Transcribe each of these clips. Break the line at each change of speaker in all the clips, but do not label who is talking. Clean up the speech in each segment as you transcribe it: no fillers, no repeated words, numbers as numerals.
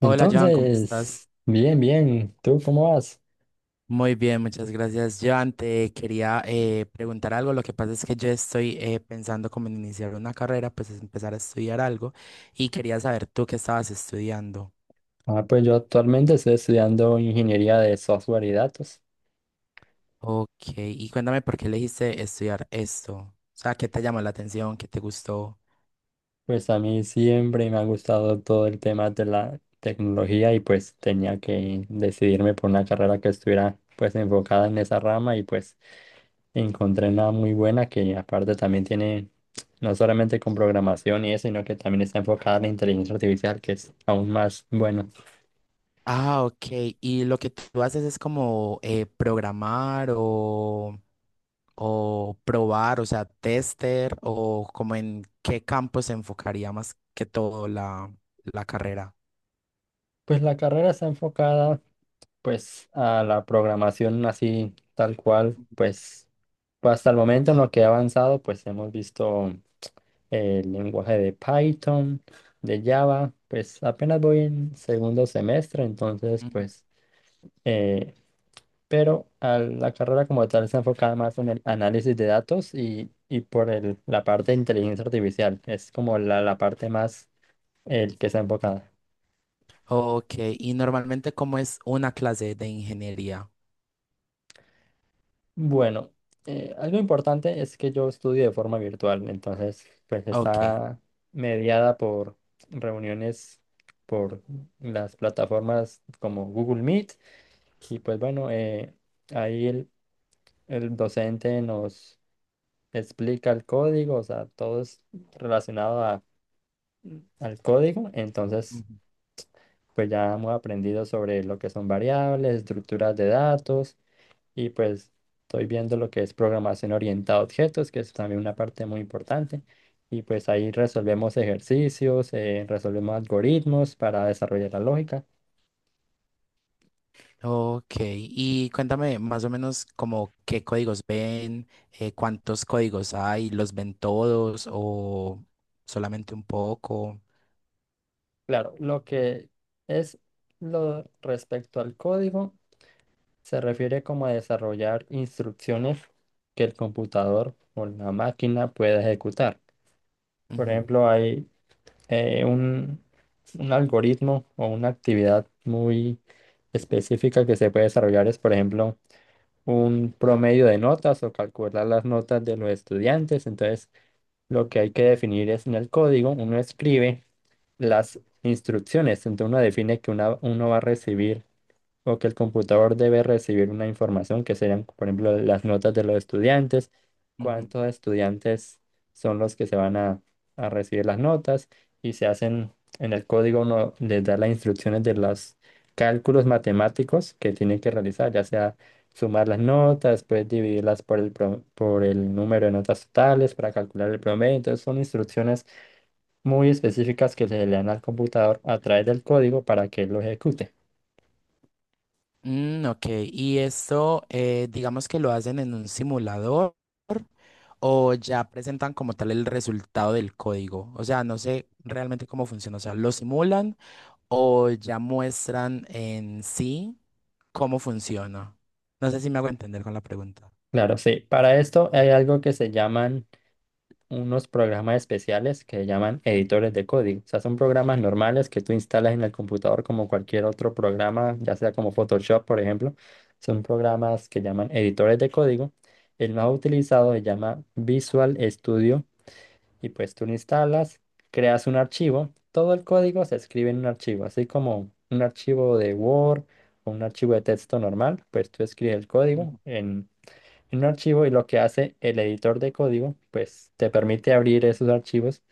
Hola, Joan, ¿cómo estás?
Entonces, bien, bien. ¿Tú cómo vas?
Muy bien, muchas gracias. Joan, te quería preguntar algo. Lo que pasa es que yo estoy pensando como en iniciar una carrera, pues es empezar a estudiar algo y quería saber tú qué estabas estudiando.
Ah, pues yo actualmente estoy estudiando ingeniería de software y datos.
Ok, y cuéntame por qué elegiste estudiar esto. O sea, ¿qué te llamó la atención? ¿Qué te gustó?
Pues a mí siempre me ha gustado todo el tema de la tecnología y pues tenía que decidirme por una carrera que estuviera pues enfocada en esa rama y pues encontré una muy buena que aparte también tiene no solamente con programación y eso, sino que también está enfocada en la inteligencia artificial, que es aún más bueno.
Ah, ok. ¿Y lo que tú haces es como programar o...? O probar, o sea, tester, o como en qué campo se enfocaría más que todo la carrera.
Pues la carrera está enfocada pues a la programación así tal cual, pues pues, hasta el momento en lo que he avanzado, pues hemos visto el lenguaje de Python, de Java, pues apenas voy en segundo semestre, entonces
Ujú.
pues, eh, pero a la carrera como tal está enfocada más en el análisis de datos y por el, la parte de inteligencia artificial, es como la parte más el que está enfocada.
Ok, y normalmente cómo es una clase de ingeniería.
Bueno, algo importante es que yo estudio de forma virtual, entonces pues
Ok.
está mediada por reuniones por las plataformas como Google Meet y pues bueno, ahí el docente nos explica el código, o sea, todo es relacionado a- al código, entonces
Ujú.
pues ya hemos aprendido sobre lo que son variables, estructuras de datos. Y pues estoy viendo lo que es programación orientada a objetos, que es también una parte muy importante. Y pues ahí resolvemos ejercicios, resolvemos algoritmos para desarrollar la lógica.
Ok. Y cuéntame más o menos como qué códigos ven, cuántos códigos hay, los ven todos o solamente un poco.
Claro, lo que es lo respecto al código se refiere como a desarrollar instrucciones que el computador o la máquina pueda ejecutar. Por
Ujú.
ejemplo, hay eh, un, un algoritmo o una actividad muy específica que se puede desarrollar es, por ejemplo, un promedio de notas o calcular las notas de los estudiantes. Entonces, lo que hay que definir es en el código, uno escribe las instrucciones, entonces uno define que una- uno va a recibir o que el computador debe recibir una información que serían, por ejemplo, las notas de los estudiantes,
Ujú.
cuántos estudiantes son los que se van a recibir las notas y se hacen en el código, uno les da las instrucciones de los cálculos matemáticos que tienen que realizar, ya sea sumar las notas, después dividirlas por el, pro- por el número de notas totales para calcular el promedio. Entonces son instrucciones muy específicas que se le dan al computador a través del código para que lo ejecute.
Mm, ok, y esto digamos que lo hacen en un simulador o ya presentan como tal el resultado del código. O sea, no sé realmente cómo funciona. O sea, lo simulan o ya muestran en sí cómo funciona. No sé si me hago entender con la pregunta.
Claro, sí. Para esto hay algo que se llaman unos programas especiales que llaman
Ujú,
editores de código. O sea, son programas normales que tú instalas en el computador como cualquier otro programa, ya sea como Photoshop, por ejemplo. Son programas que llaman editores de código. El más utilizado se llama Visual Studio y pues tú lo instalas, creas un archivo. Todo el código se escribe en un archivo, así como un archivo de Word o un archivo de texto normal. Pues tú escribes el código
ujú.
en un archivo y lo que hace el editor de código, pues te permite abrir esos archivos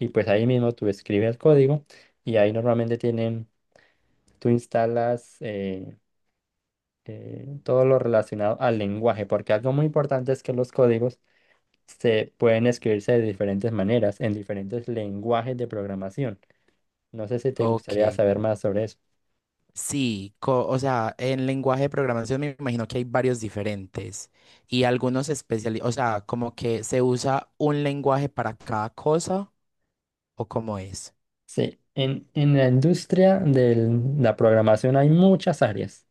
y pues ahí mismo tú escribes el código y ahí normalmente tienen, tú instalas todo lo relacionado al lenguaje, porque algo muy importante es que los códigos se pueden escribirse de diferentes maneras, en diferentes lenguajes de programación. No sé si te
Ok,
gustaría saber más sobre eso.
sí, co- o sea, en lenguaje de programación me imagino que hay varios diferentes y algunos especializados, o sea, como que se usa un lenguaje para cada cosa o cómo es.
Sí, en la industria de la programación hay muchas áreas.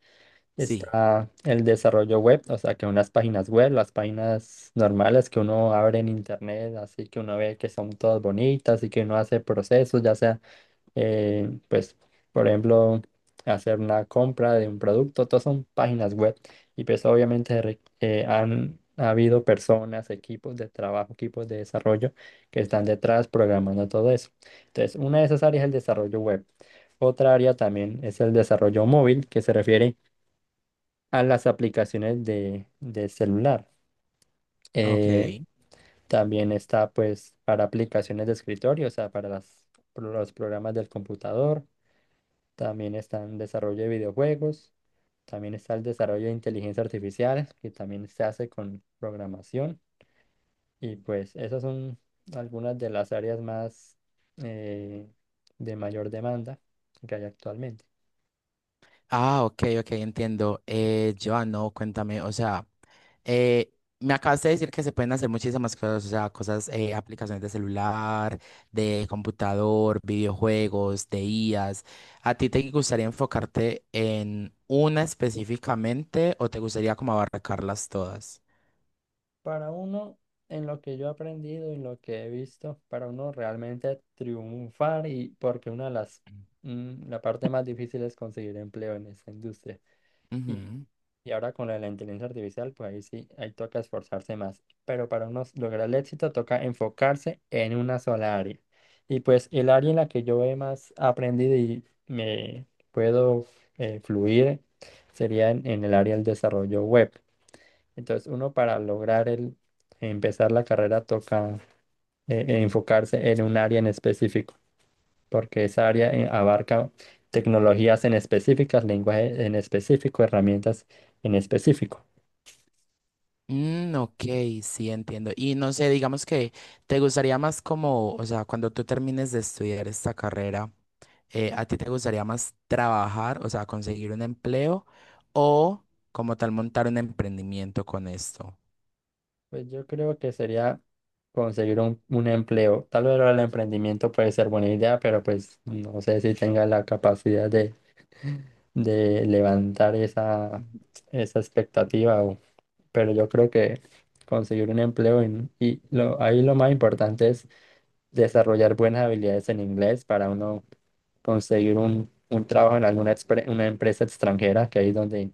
Sí,
Está el desarrollo web, o sea, que unas páginas web, las páginas normales que uno abre en internet, así que uno ve que son todas bonitas y que uno hace procesos, ya sea, pues, por ejemplo, hacer una compra de un producto, todas son páginas web. Y pues obviamente re- han ha habido personas, equipos de trabajo, equipos de desarrollo que están detrás programando todo eso. Entonces, una de esas áreas es el desarrollo web. Otra área también es el desarrollo móvil, que se refiere a las aplicaciones de celular.
ok.
Eh, también está pues para aplicaciones de escritorio, o sea, para las, pro- los programas del computador. También está en desarrollo de videojuegos. También está el desarrollo de inteligencia artificial, que también se hace con programación. Y pues esas son algunas de las áreas más eh, de mayor demanda que hay actualmente.
Ah, ok, ok, entiendo. Joan, no, cuéntame, o sea, eh, me acabas de decir que se pueden hacer muchísimas cosas, o sea, cosas, aplicaciones de celular, de computador, videojuegos, de IAs. ¿A ti te gustaría enfocarte en una específicamente o te gustaría como abarcarlas todas?
Para uno, en lo que yo he aprendido y lo que he visto, para uno realmente triunfar y porque una de las, mm, la parte más difícil es conseguir empleo en esta industria. Y,
Ujú.
y ahora con la de la inteligencia artificial, pues ahí sí, ahí toca esforzarse más. Pero para uno lograr el éxito toca enfocarse en una sola área. Y pues el área en la que yo he más aprendido y me puedo fluir sería en el área del desarrollo web, entonces, uno para lograr el empezar la carrera toca enfocarse en un área en específico, porque esa área abarca tecnologías en específicas, lenguaje en específico, herramientas en específico.
Mm, ok, sí, entiendo. Y no sé, digamos que te gustaría más como, o sea, cuando tú termines de estudiar esta carrera. Eh, ¿a ti te gustaría más trabajar, o sea, conseguir un empleo o como tal montar un emprendimiento con esto?
Pues yo creo que sería conseguir un empleo. Tal vez el emprendimiento puede ser buena idea, pero pues no sé si tenga la capacidad de levantar esa,
Ujú.
esa expectativa o pero yo creo que conseguir un empleo en- y lo, ahí lo más importante es desarrollar buenas habilidades en inglés para uno conseguir un trabajo en alguna expre- una empresa extranjera, que ahí es donde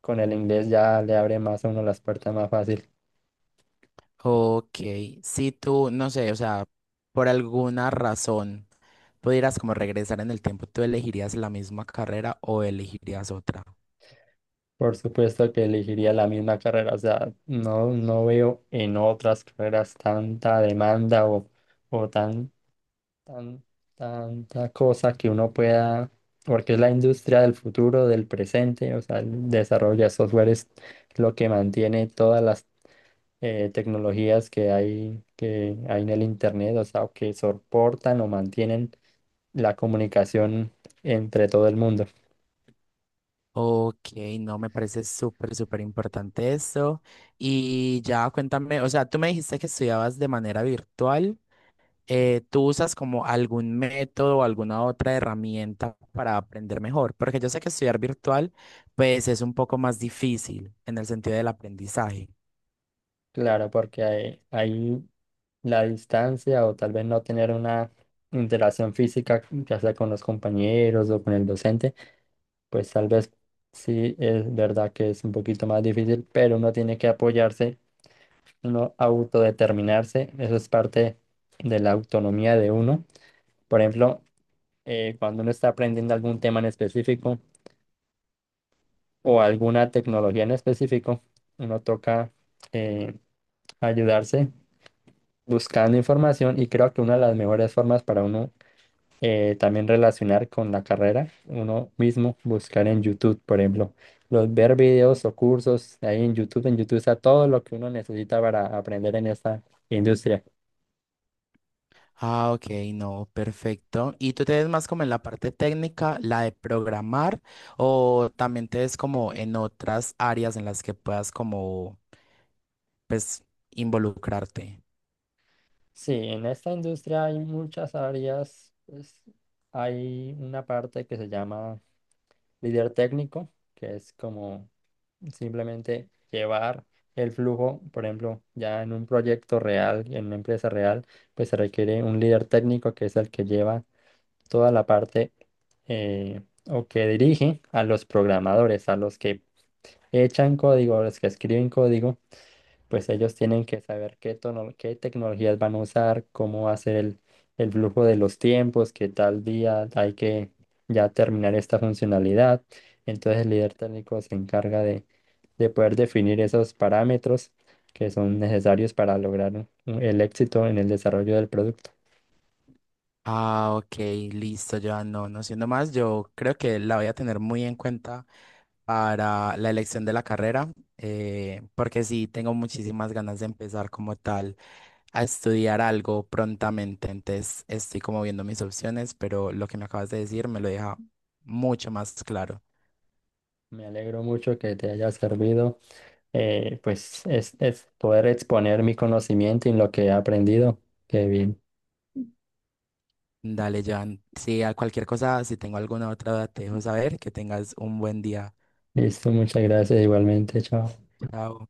con el inglés ya le abre más a uno las puertas más fácil.
Ok, si tú, no sé, o sea, por alguna razón pudieras como regresar en el tiempo, ¿tú elegirías la misma carrera o elegirías otra?
Por supuesto que elegiría la misma carrera, o sea, no, no veo en otras carreras tanta demanda o tan tan- tanta cosa que uno pueda, porque es la industria del futuro, del presente, o sea, el desarrollo de software es lo que mantiene todas las tecnologías que hay en el Internet, o sea, que soportan o mantienen la comunicación entre todo el mundo.
Ok, no, me parece súper, súper importante eso. Y ya cuéntame, o sea, tú me dijiste que estudiabas de manera virtual. Eh, ¿tú usas como algún método o alguna otra herramienta para aprender mejor? Porque yo sé que estudiar virtual, pues es un poco más difícil en el sentido del aprendizaje.
Claro, porque hay la distancia o tal vez no tener una interacción física, ya sea con los compañeros o con el docente pues tal vez sí es verdad que es un poquito más difícil, pero uno tiene que apoyarse, uno autodeterminarse, eso es parte de la autonomía de uno. Por ejemplo, cuando uno está aprendiendo algún tema en específico o alguna tecnología en específico, uno toca eh, ayudarse buscando información y creo que una de las mejores formas para uno también relacionar con la carrera, uno mismo buscar en YouTube, por ejemplo, los, ver videos o cursos ahí en YouTube. En YouTube está todo lo que uno necesita para aprender en esta industria.
Ah, ok, no, perfecto. ¿Y tú te ves más como en la parte técnica, la de programar, o también te ves como en otras áreas en las que puedas como pues, involucrarte?
Sí, en esta industria hay muchas áreas. Pues, hay una parte que se llama líder técnico, que es como simplemente llevar el flujo, por ejemplo, ya en un proyecto real, en una empresa real, pues se requiere un líder técnico que es el que lleva toda la parte eh, o que dirige a los programadores, a los que echan código, a los que escriben código, pues ellos tienen que saber qué, tono- qué tecnologías van a usar, cómo va a ser el flujo de los tiempos, que tal día hay que ya terminar esta funcionalidad. Entonces el líder técnico se encarga de poder definir esos parámetros que son necesarios para lograr un- el éxito en el desarrollo del producto.
Ah, ok, listo, ya no, no siendo más, yo creo que la voy a tener muy en cuenta para la elección de la carrera, porque sí, tengo muchísimas ganas de empezar como tal a estudiar algo prontamente, entonces estoy como viendo mis opciones, pero lo que me acabas de decir me lo deja mucho más claro.
Me alegro mucho que te haya servido, pues es poder exponer mi conocimiento y lo que he aprendido. Qué bien.
Dale, Joan, si a cualquier cosa, si tengo alguna otra duda, te dejo saber, que tengas un buen día.
Listo, muchas gracias igualmente, chao.
Chao.